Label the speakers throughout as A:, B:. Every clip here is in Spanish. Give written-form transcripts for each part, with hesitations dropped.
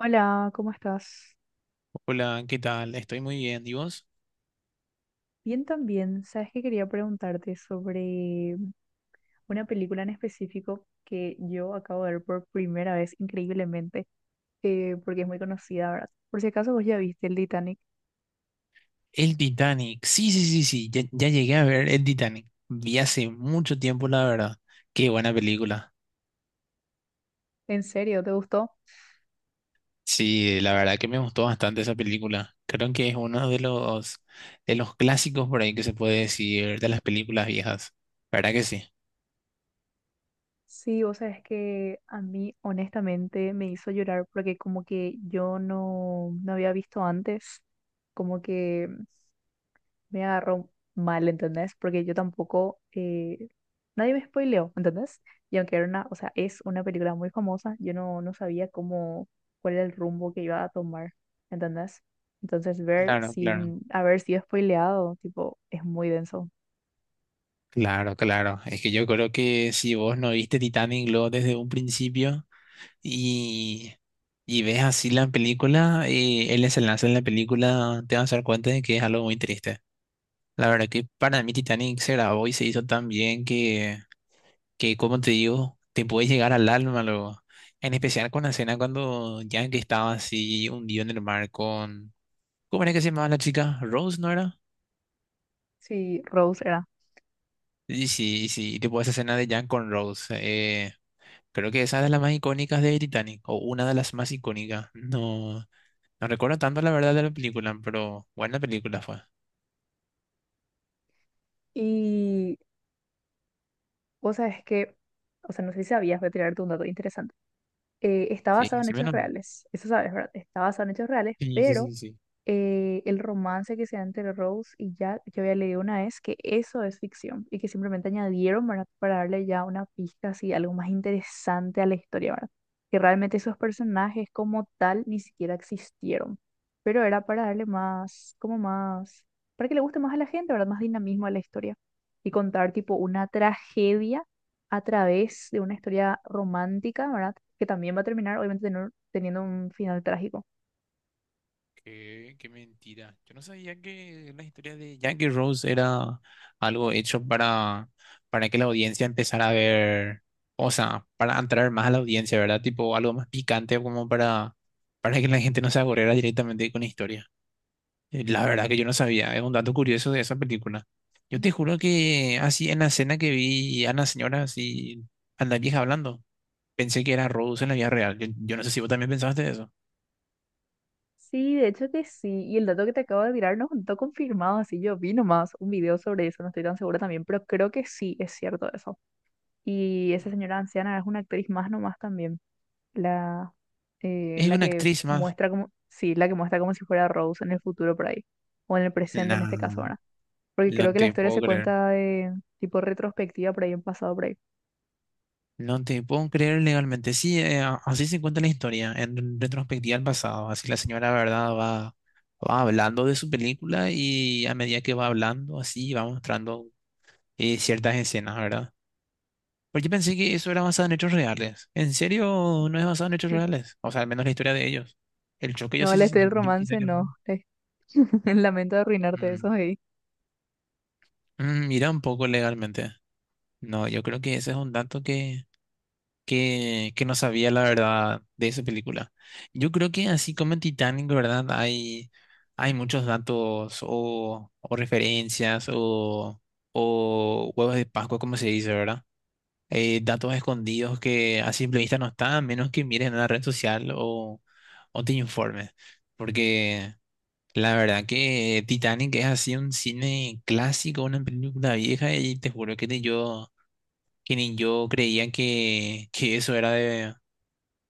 A: Hola, ¿cómo estás?
B: Hola, ¿qué tal? Estoy muy bien. ¿Y vos?
A: Bien también. Sabes que quería preguntarte sobre una película en específico que yo acabo de ver por primera vez, increíblemente, porque es muy conocida, ¿verdad? Por si acaso vos ya viste el Titanic.
B: El Titanic. Sí, sí, sí, sí. Ya, ya llegué a ver el Titanic. Vi hace mucho tiempo, la verdad. Qué buena película.
A: ¿En serio? ¿Te gustó?
B: Sí, la verdad que me gustó bastante esa película. Creo que es uno de los clásicos por ahí que se puede decir de las películas viejas. ¿Verdad que sí?
A: Sí, vos sabes que a mí honestamente me hizo llorar porque como que yo no había visto antes, como que me agarró mal, ¿entendés? Porque yo tampoco, nadie me spoileó, ¿entendés? Y aunque era una, o sea, es una película muy famosa, yo no sabía cómo, cuál era el rumbo que iba a tomar, ¿entendés? Entonces ver
B: Claro, claro.
A: sin haber sido spoileado, tipo, es muy denso.
B: Claro, claro. Es que yo creo que si vos no viste Titanic luego desde un principio, y, y ves así la película y el desenlace en la película, te vas a dar cuenta de que es algo muy triste. La verdad que para mí Titanic se grabó y se hizo tan bien que como te digo, te puede llegar al alma luego. En especial con la escena cuando Jack estaba así hundido en el mar con... ¿Cómo era que se llamaba la chica? ¿Rose, no era?
A: Sí, Rose era.
B: Y sí, y sí, y tipo esa escena de Jack con Rose. Creo que esa es de las más icónicas de Titanic, o una de las más icónicas. No, no recuerdo tanto la verdad de la película, pero buena película fue.
A: Y vos sabés que, o sea, no sé si sabías, voy a tirarte un dato interesante. Está
B: Sí,
A: basado en
B: sí,
A: hechos
B: menos.
A: reales, eso sabes, ¿verdad? Está basado en hechos reales,
B: Sí, sí,
A: pero
B: sí, sí.
A: el romance que se da entre Rose y Jack, yo había leído una vez que eso es ficción y que simplemente añadieron, ¿verdad? Para darle ya una pista así, algo más interesante a la historia, ¿verdad? Que realmente esos personajes como tal ni siquiera existieron, pero era para darle más, como más, para que le guste más a la gente, ¿verdad? Más dinamismo a la historia y contar tipo una tragedia a través de una historia romántica, ¿verdad? Que también va a terminar obviamente teniendo un final trágico.
B: Qué mentira. Yo no sabía que la historia de Jackie Rose era algo hecho para que la audiencia empezara a ver, o sea, para entrar más a la audiencia, ¿verdad? Tipo algo más picante como para que la gente no se aburriera directamente con la historia. La verdad que yo no sabía, es un dato curioso de esa película. Yo te juro que así en la escena que vi a la señora así, a la vieja hablando. Pensé que era Rose en la vida real. Yo no sé si vos también pensaste eso.
A: Sí, de hecho que sí. Y el dato que te acabo de tirar no está confirmado, así yo vi nomás un video sobre eso, no estoy tan segura también, pero creo que sí es cierto eso. Y esa señora anciana es una actriz más nomás también, la,
B: Es
A: la
B: una
A: que
B: actriz más.
A: muestra como, sí, la que muestra como si fuera Rose en el futuro por ahí, o en el presente en este caso
B: No,
A: verdad. Porque creo
B: no
A: que la
B: te
A: historia
B: puedo
A: se
B: creer.
A: cuenta de tipo retrospectiva por ahí en pasado por ahí.
B: No te puedo creer legalmente. Sí, así se cuenta la historia, en retrospectiva al pasado. Así la señora, ¿verdad? Va hablando de su película y a medida que va hablando, así va mostrando ciertas escenas, ¿verdad? Porque pensé que eso era basado en hechos reales. ¿En serio no es basado en hechos reales? O sea, al menos la historia de ellos. El choque yo
A: No,
B: sí,
A: la
B: sí-
A: historia del
B: yo sí sé
A: romance
B: que fue.
A: no, lamento arruinarte eso
B: Mm.
A: ahí.
B: Mm, mira un poco legalmente. No, yo creo que ese es un dato que no sabía la verdad de esa película. Yo creo que así como en Titanic, ¿verdad? Hay muchos datos o referencias o huevos de Pascua, como se dice, ¿verdad? Datos escondidos que a simple vista no están, a menos que mires en la red social o te informes. Porque la verdad que Titanic es así un cine clásico, una película vieja y te juro que yo que ni yo creían que eso era de,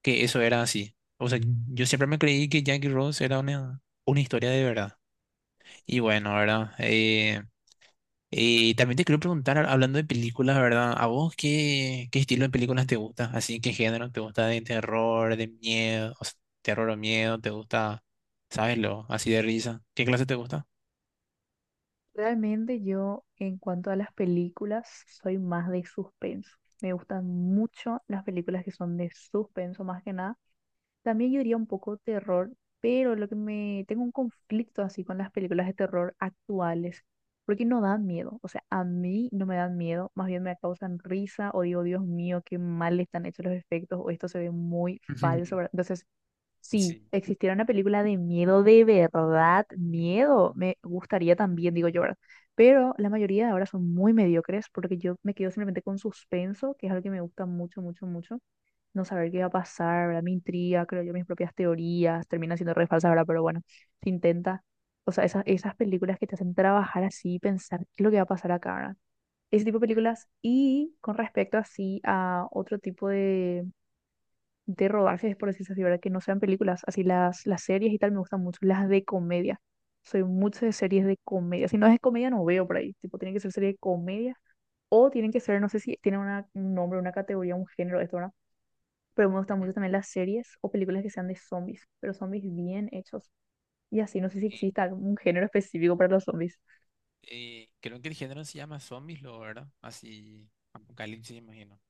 B: que eso era así. O sea, yo siempre me creí que Jackie Rose era una historia de verdad. Y bueno, ¿verdad? También te quiero preguntar, hablando de películas, ¿verdad? ¿A vos qué estilo de películas te gusta? Así, ¿qué género te gusta de terror, de miedo? O sea, terror o miedo, ¿te gusta, sabes lo, así de risa? ¿Qué clase te gusta?
A: Realmente yo, en cuanto a las películas, soy más de suspenso. Me gustan mucho las películas que son de suspenso más que nada. También yo diría un poco terror, pero lo que me tengo un conflicto así con las películas de terror actuales, porque no dan miedo. O sea, a mí no me dan miedo, más bien me causan risa o digo, Dios mío, qué mal están hechos los efectos o esto se ve muy falso,
B: Ujú,
A: ¿verdad? Entonces si
B: sí.
A: existiera una película de miedo de verdad, miedo, me gustaría también, digo yo, ¿verdad? Pero la mayoría de ahora son muy mediocres porque yo me quedo simplemente con suspenso, que es algo que me gusta mucho, mucho, mucho. No saber qué va a pasar, ¿verdad? Me intriga, creo yo mis propias teorías, termina siendo re falsa, ¿verdad? Pero bueno, se intenta. O sea, esas películas que te hacen trabajar así, pensar qué es lo que va a pasar acá, ¿verdad? Ese tipo de películas. Y con respecto así a otro tipo de rodajes, por decirse así, ¿verdad? Que no sean películas, así las series y tal me gustan mucho, las de comedia. Soy mucho de series de comedia. Si no es de comedia, no veo por ahí. Tipo, tienen que ser series de comedia o tienen que ser, no sé si tienen una, un nombre, una categoría, un género, esto, ¿verdad? Pero me gustan
B: Ujú.
A: mucho también las series o películas que sean de zombies, pero zombies bien hechos. Y así, no sé si
B: Eh,
A: exista algún género específico para los zombies.
B: creo que el género se llama zombies, lo, ¿verdad? Así, apocalipsis, imagino.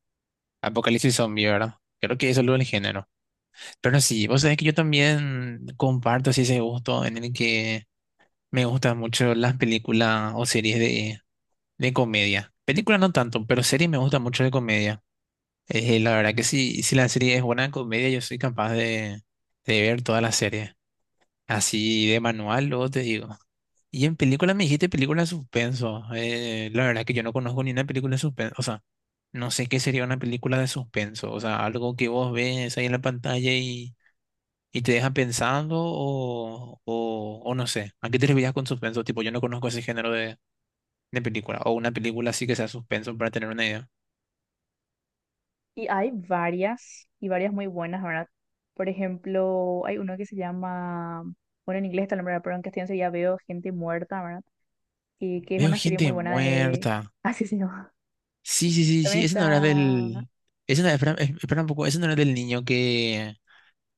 B: Apocalipsis zombie, ¿verdad? Creo que eso es lo del género. Pero sí, vos sabés que yo también comparto así ese gusto en el que me gustan mucho las películas o series de comedia. Películas no tanto, pero series me gustan mucho de comedia. La verdad que sí, si la serie es buena de comedia, yo soy capaz de ver toda la serie. Así de manual, luego te digo. Y en películas me dijiste película de suspenso. La verdad que yo no conozco ni una película de suspenso. O sea, no sé qué sería una película de suspenso. O sea, algo que vos ves ahí en la pantalla y te deja pensando o no sé. ¿A qué te referías con suspenso? Tipo, yo no conozco ese género de película. O una película así que sea suspenso para tener una idea.
A: Y hay varias, y varias muy buenas, ¿verdad? Por ejemplo, hay uno que se llama, bueno, en inglés está el nombre, pero en castellano sería Veo gente muerta, ¿verdad? Y que es
B: Veo
A: una serie
B: gente
A: muy buena de...
B: muerta.
A: Así se llama.
B: Sí, sí, sí,
A: También
B: sí. Ese no era
A: está...
B: del... Ese no, espera, espera un poco. Ese no era del niño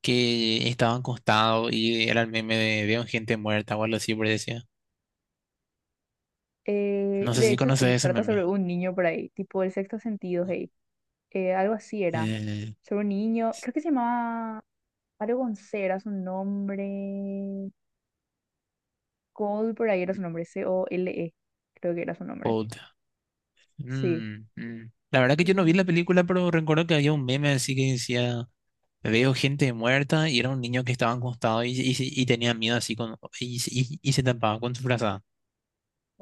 B: que estaban acostados y era el meme de veo gente muerta o algo así, por decía. No sé
A: de
B: si
A: hecho,
B: conoces
A: sí,
B: ese
A: trata
B: meme.
A: sobre un niño por ahí, tipo El Sexto Sentido, hey. Algo así era.
B: Eh,
A: Sobre un niño, creo que se llamaba algo con C, era su nombre. Cole por ahí era su nombre, Cole, creo que era su nombre.
B: Old.
A: Sí.
B: Mm, mm. La verdad que yo no vi la
A: Y
B: película, pero recuerdo que había un meme así que decía, veo gente muerta y era un niño que estaba acostado y tenía miedo así con, y se tapaba con su frazada.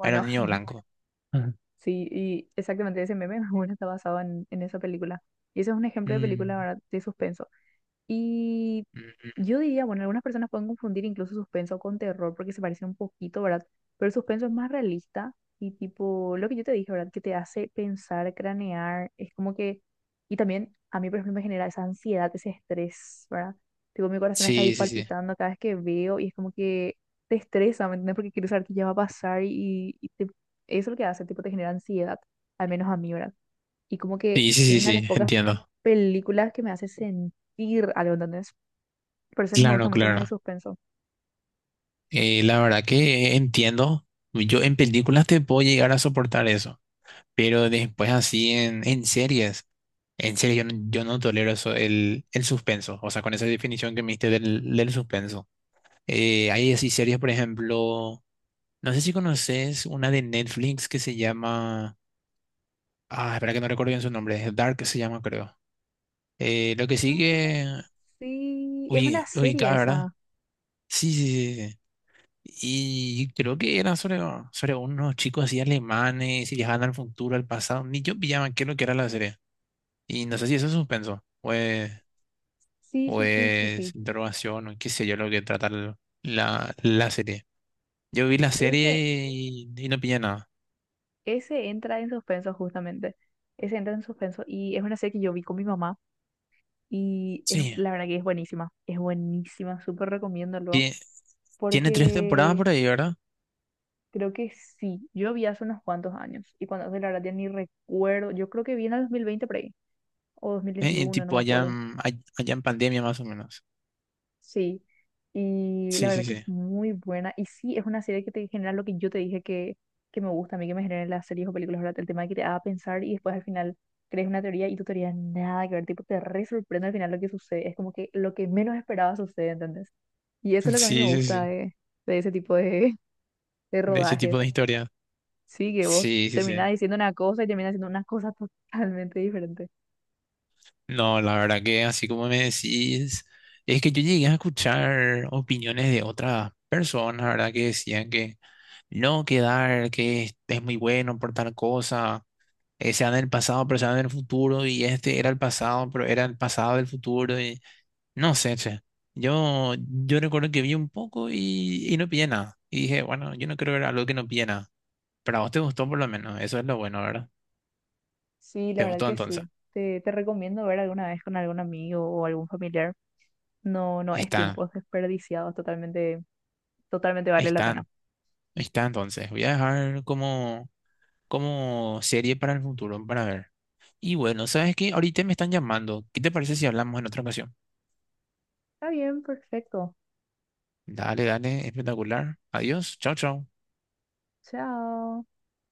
B: Era un niño blanco. Ajá.
A: sí, y exactamente ese meme bueno, está basado en esa película. Y ese es un ejemplo de
B: Mm,
A: película, ¿verdad? De suspenso. Y
B: mm, mm.
A: yo diría, bueno, algunas personas pueden confundir incluso suspenso con terror porque se parece un poquito, ¿verdad? Pero el suspenso es más realista y tipo, lo que yo te dije, ¿verdad? Que te hace pensar, cranear, es como que, y también a mí, por ejemplo, me genera esa ansiedad, ese estrés, ¿verdad? Tipo, mi corazón está ahí
B: Sí, sí, sí.
A: palpitando cada vez que veo y es como que te estresa, ¿me entiendes? Porque quieres saber qué ya va a pasar y, eso es lo que hace, tipo, te genera ansiedad, al menos a mí, ¿verdad? Y como que
B: Sí, sí,
A: es
B: sí,
A: una de las
B: sí,
A: pocas
B: entiendo.
A: películas que me hace sentir algo, ¿entendés? Por eso es que me
B: Claro,
A: gustan mucho las de
B: claro.
A: suspenso.
B: La verdad que entiendo. Yo en películas te puedo llegar a soportar eso, pero después así en series yo no tolero eso, el suspenso, o sea, con esa definición que me diste del suspenso. Hay así series, por ejemplo, no sé si conoces una de Netflix que se llama, ah, espera que no recuerdo bien su nombre, es Dark se llama creo. Lo que
A: Ah,
B: sigue,
A: sí, es una
B: uy,
A: serie
B: ubicada, ¿verdad?
A: esa.
B: Sí, sí, sí, sí, sí. Y creo que eran sobre unos chicos así alemanes y viajaban al futuro, al pasado. Ni yo pillaba qué es lo que era la serie. Y no sé si eso es suspenso o es,
A: Sí,
B: o
A: sí, sí, sí, sí.
B: es interrogación o qué sé yo lo que trata la serie. Yo vi la
A: Ese,
B: serie y no pillé nada.
A: ese entra en suspenso justamente. Ese entra en suspenso y es una serie que yo vi con mi mamá y es,
B: Sí,
A: la verdad que es buenísima. Es buenísima, súper recomiendo luego
B: tie- tiene tres temporadas
A: porque
B: por ahí, ¿verdad?
A: creo que sí. Yo vi hace unos cuantos años y cuando hace la verdad ya ni recuerdo. Yo creo que vi en el 2020 por ahí o dos mil
B: En
A: veintiuno no me
B: tipo allá,
A: acuerdo.
B: allá en pandemia más o menos.
A: Sí, y la
B: Sí,
A: verdad
B: sí,
A: que es
B: sí.
A: muy buena. Y sí, es una serie que te genera lo que yo te dije que me gusta a mí, que me generan las series o películas, ¿verdad? El tema de que te haga pensar y después al final crees una teoría y tu teoría nada que ver, tipo, te re sorprende al final lo que sucede. Es como que lo que menos esperaba sucede, ¿entendés? Y eso es lo que a mí me
B: Sí, sí,
A: gusta
B: sí.
A: de ese tipo de, de
B: De ese tipo
A: rodajes.
B: de historia.
A: Sí, que vos
B: Sí, sí, sí.
A: terminás diciendo una cosa y terminás haciendo una cosa totalmente diferente.
B: No, la verdad que así como me decís, es que yo llegué a escuchar opiniones de otras personas, ¿verdad? Que decían que no, que Dark que es muy bueno por tal cosa, sea en el pasado, pero sea en el futuro, y este era el pasado, pero era el pasado del futuro, y no sé, che. Yo recuerdo que vi un poco y no pillé nada. Y dije, bueno, yo no creo que era algo que no pillé nada. Pero a vos te gustó por lo menos, eso es lo bueno, ¿verdad?
A: Sí, la
B: ¿Te
A: verdad
B: gustó
A: que
B: entonces?
A: sí. Te recomiendo ver alguna vez con algún amigo o algún familiar. No, no es
B: Está,
A: tiempo desperdiciado, totalmente, totalmente vale la
B: está.
A: pena.
B: Ahí está, entonces. Voy a dejar como serie para el futuro, para ver. Y bueno, ¿sabes qué? Ahorita me están llamando. ¿Qué te parece si hablamos en otra ocasión?
A: Está bien, perfecto.
B: Dale, dale, espectacular. Adiós, chao, chao.
A: Chao.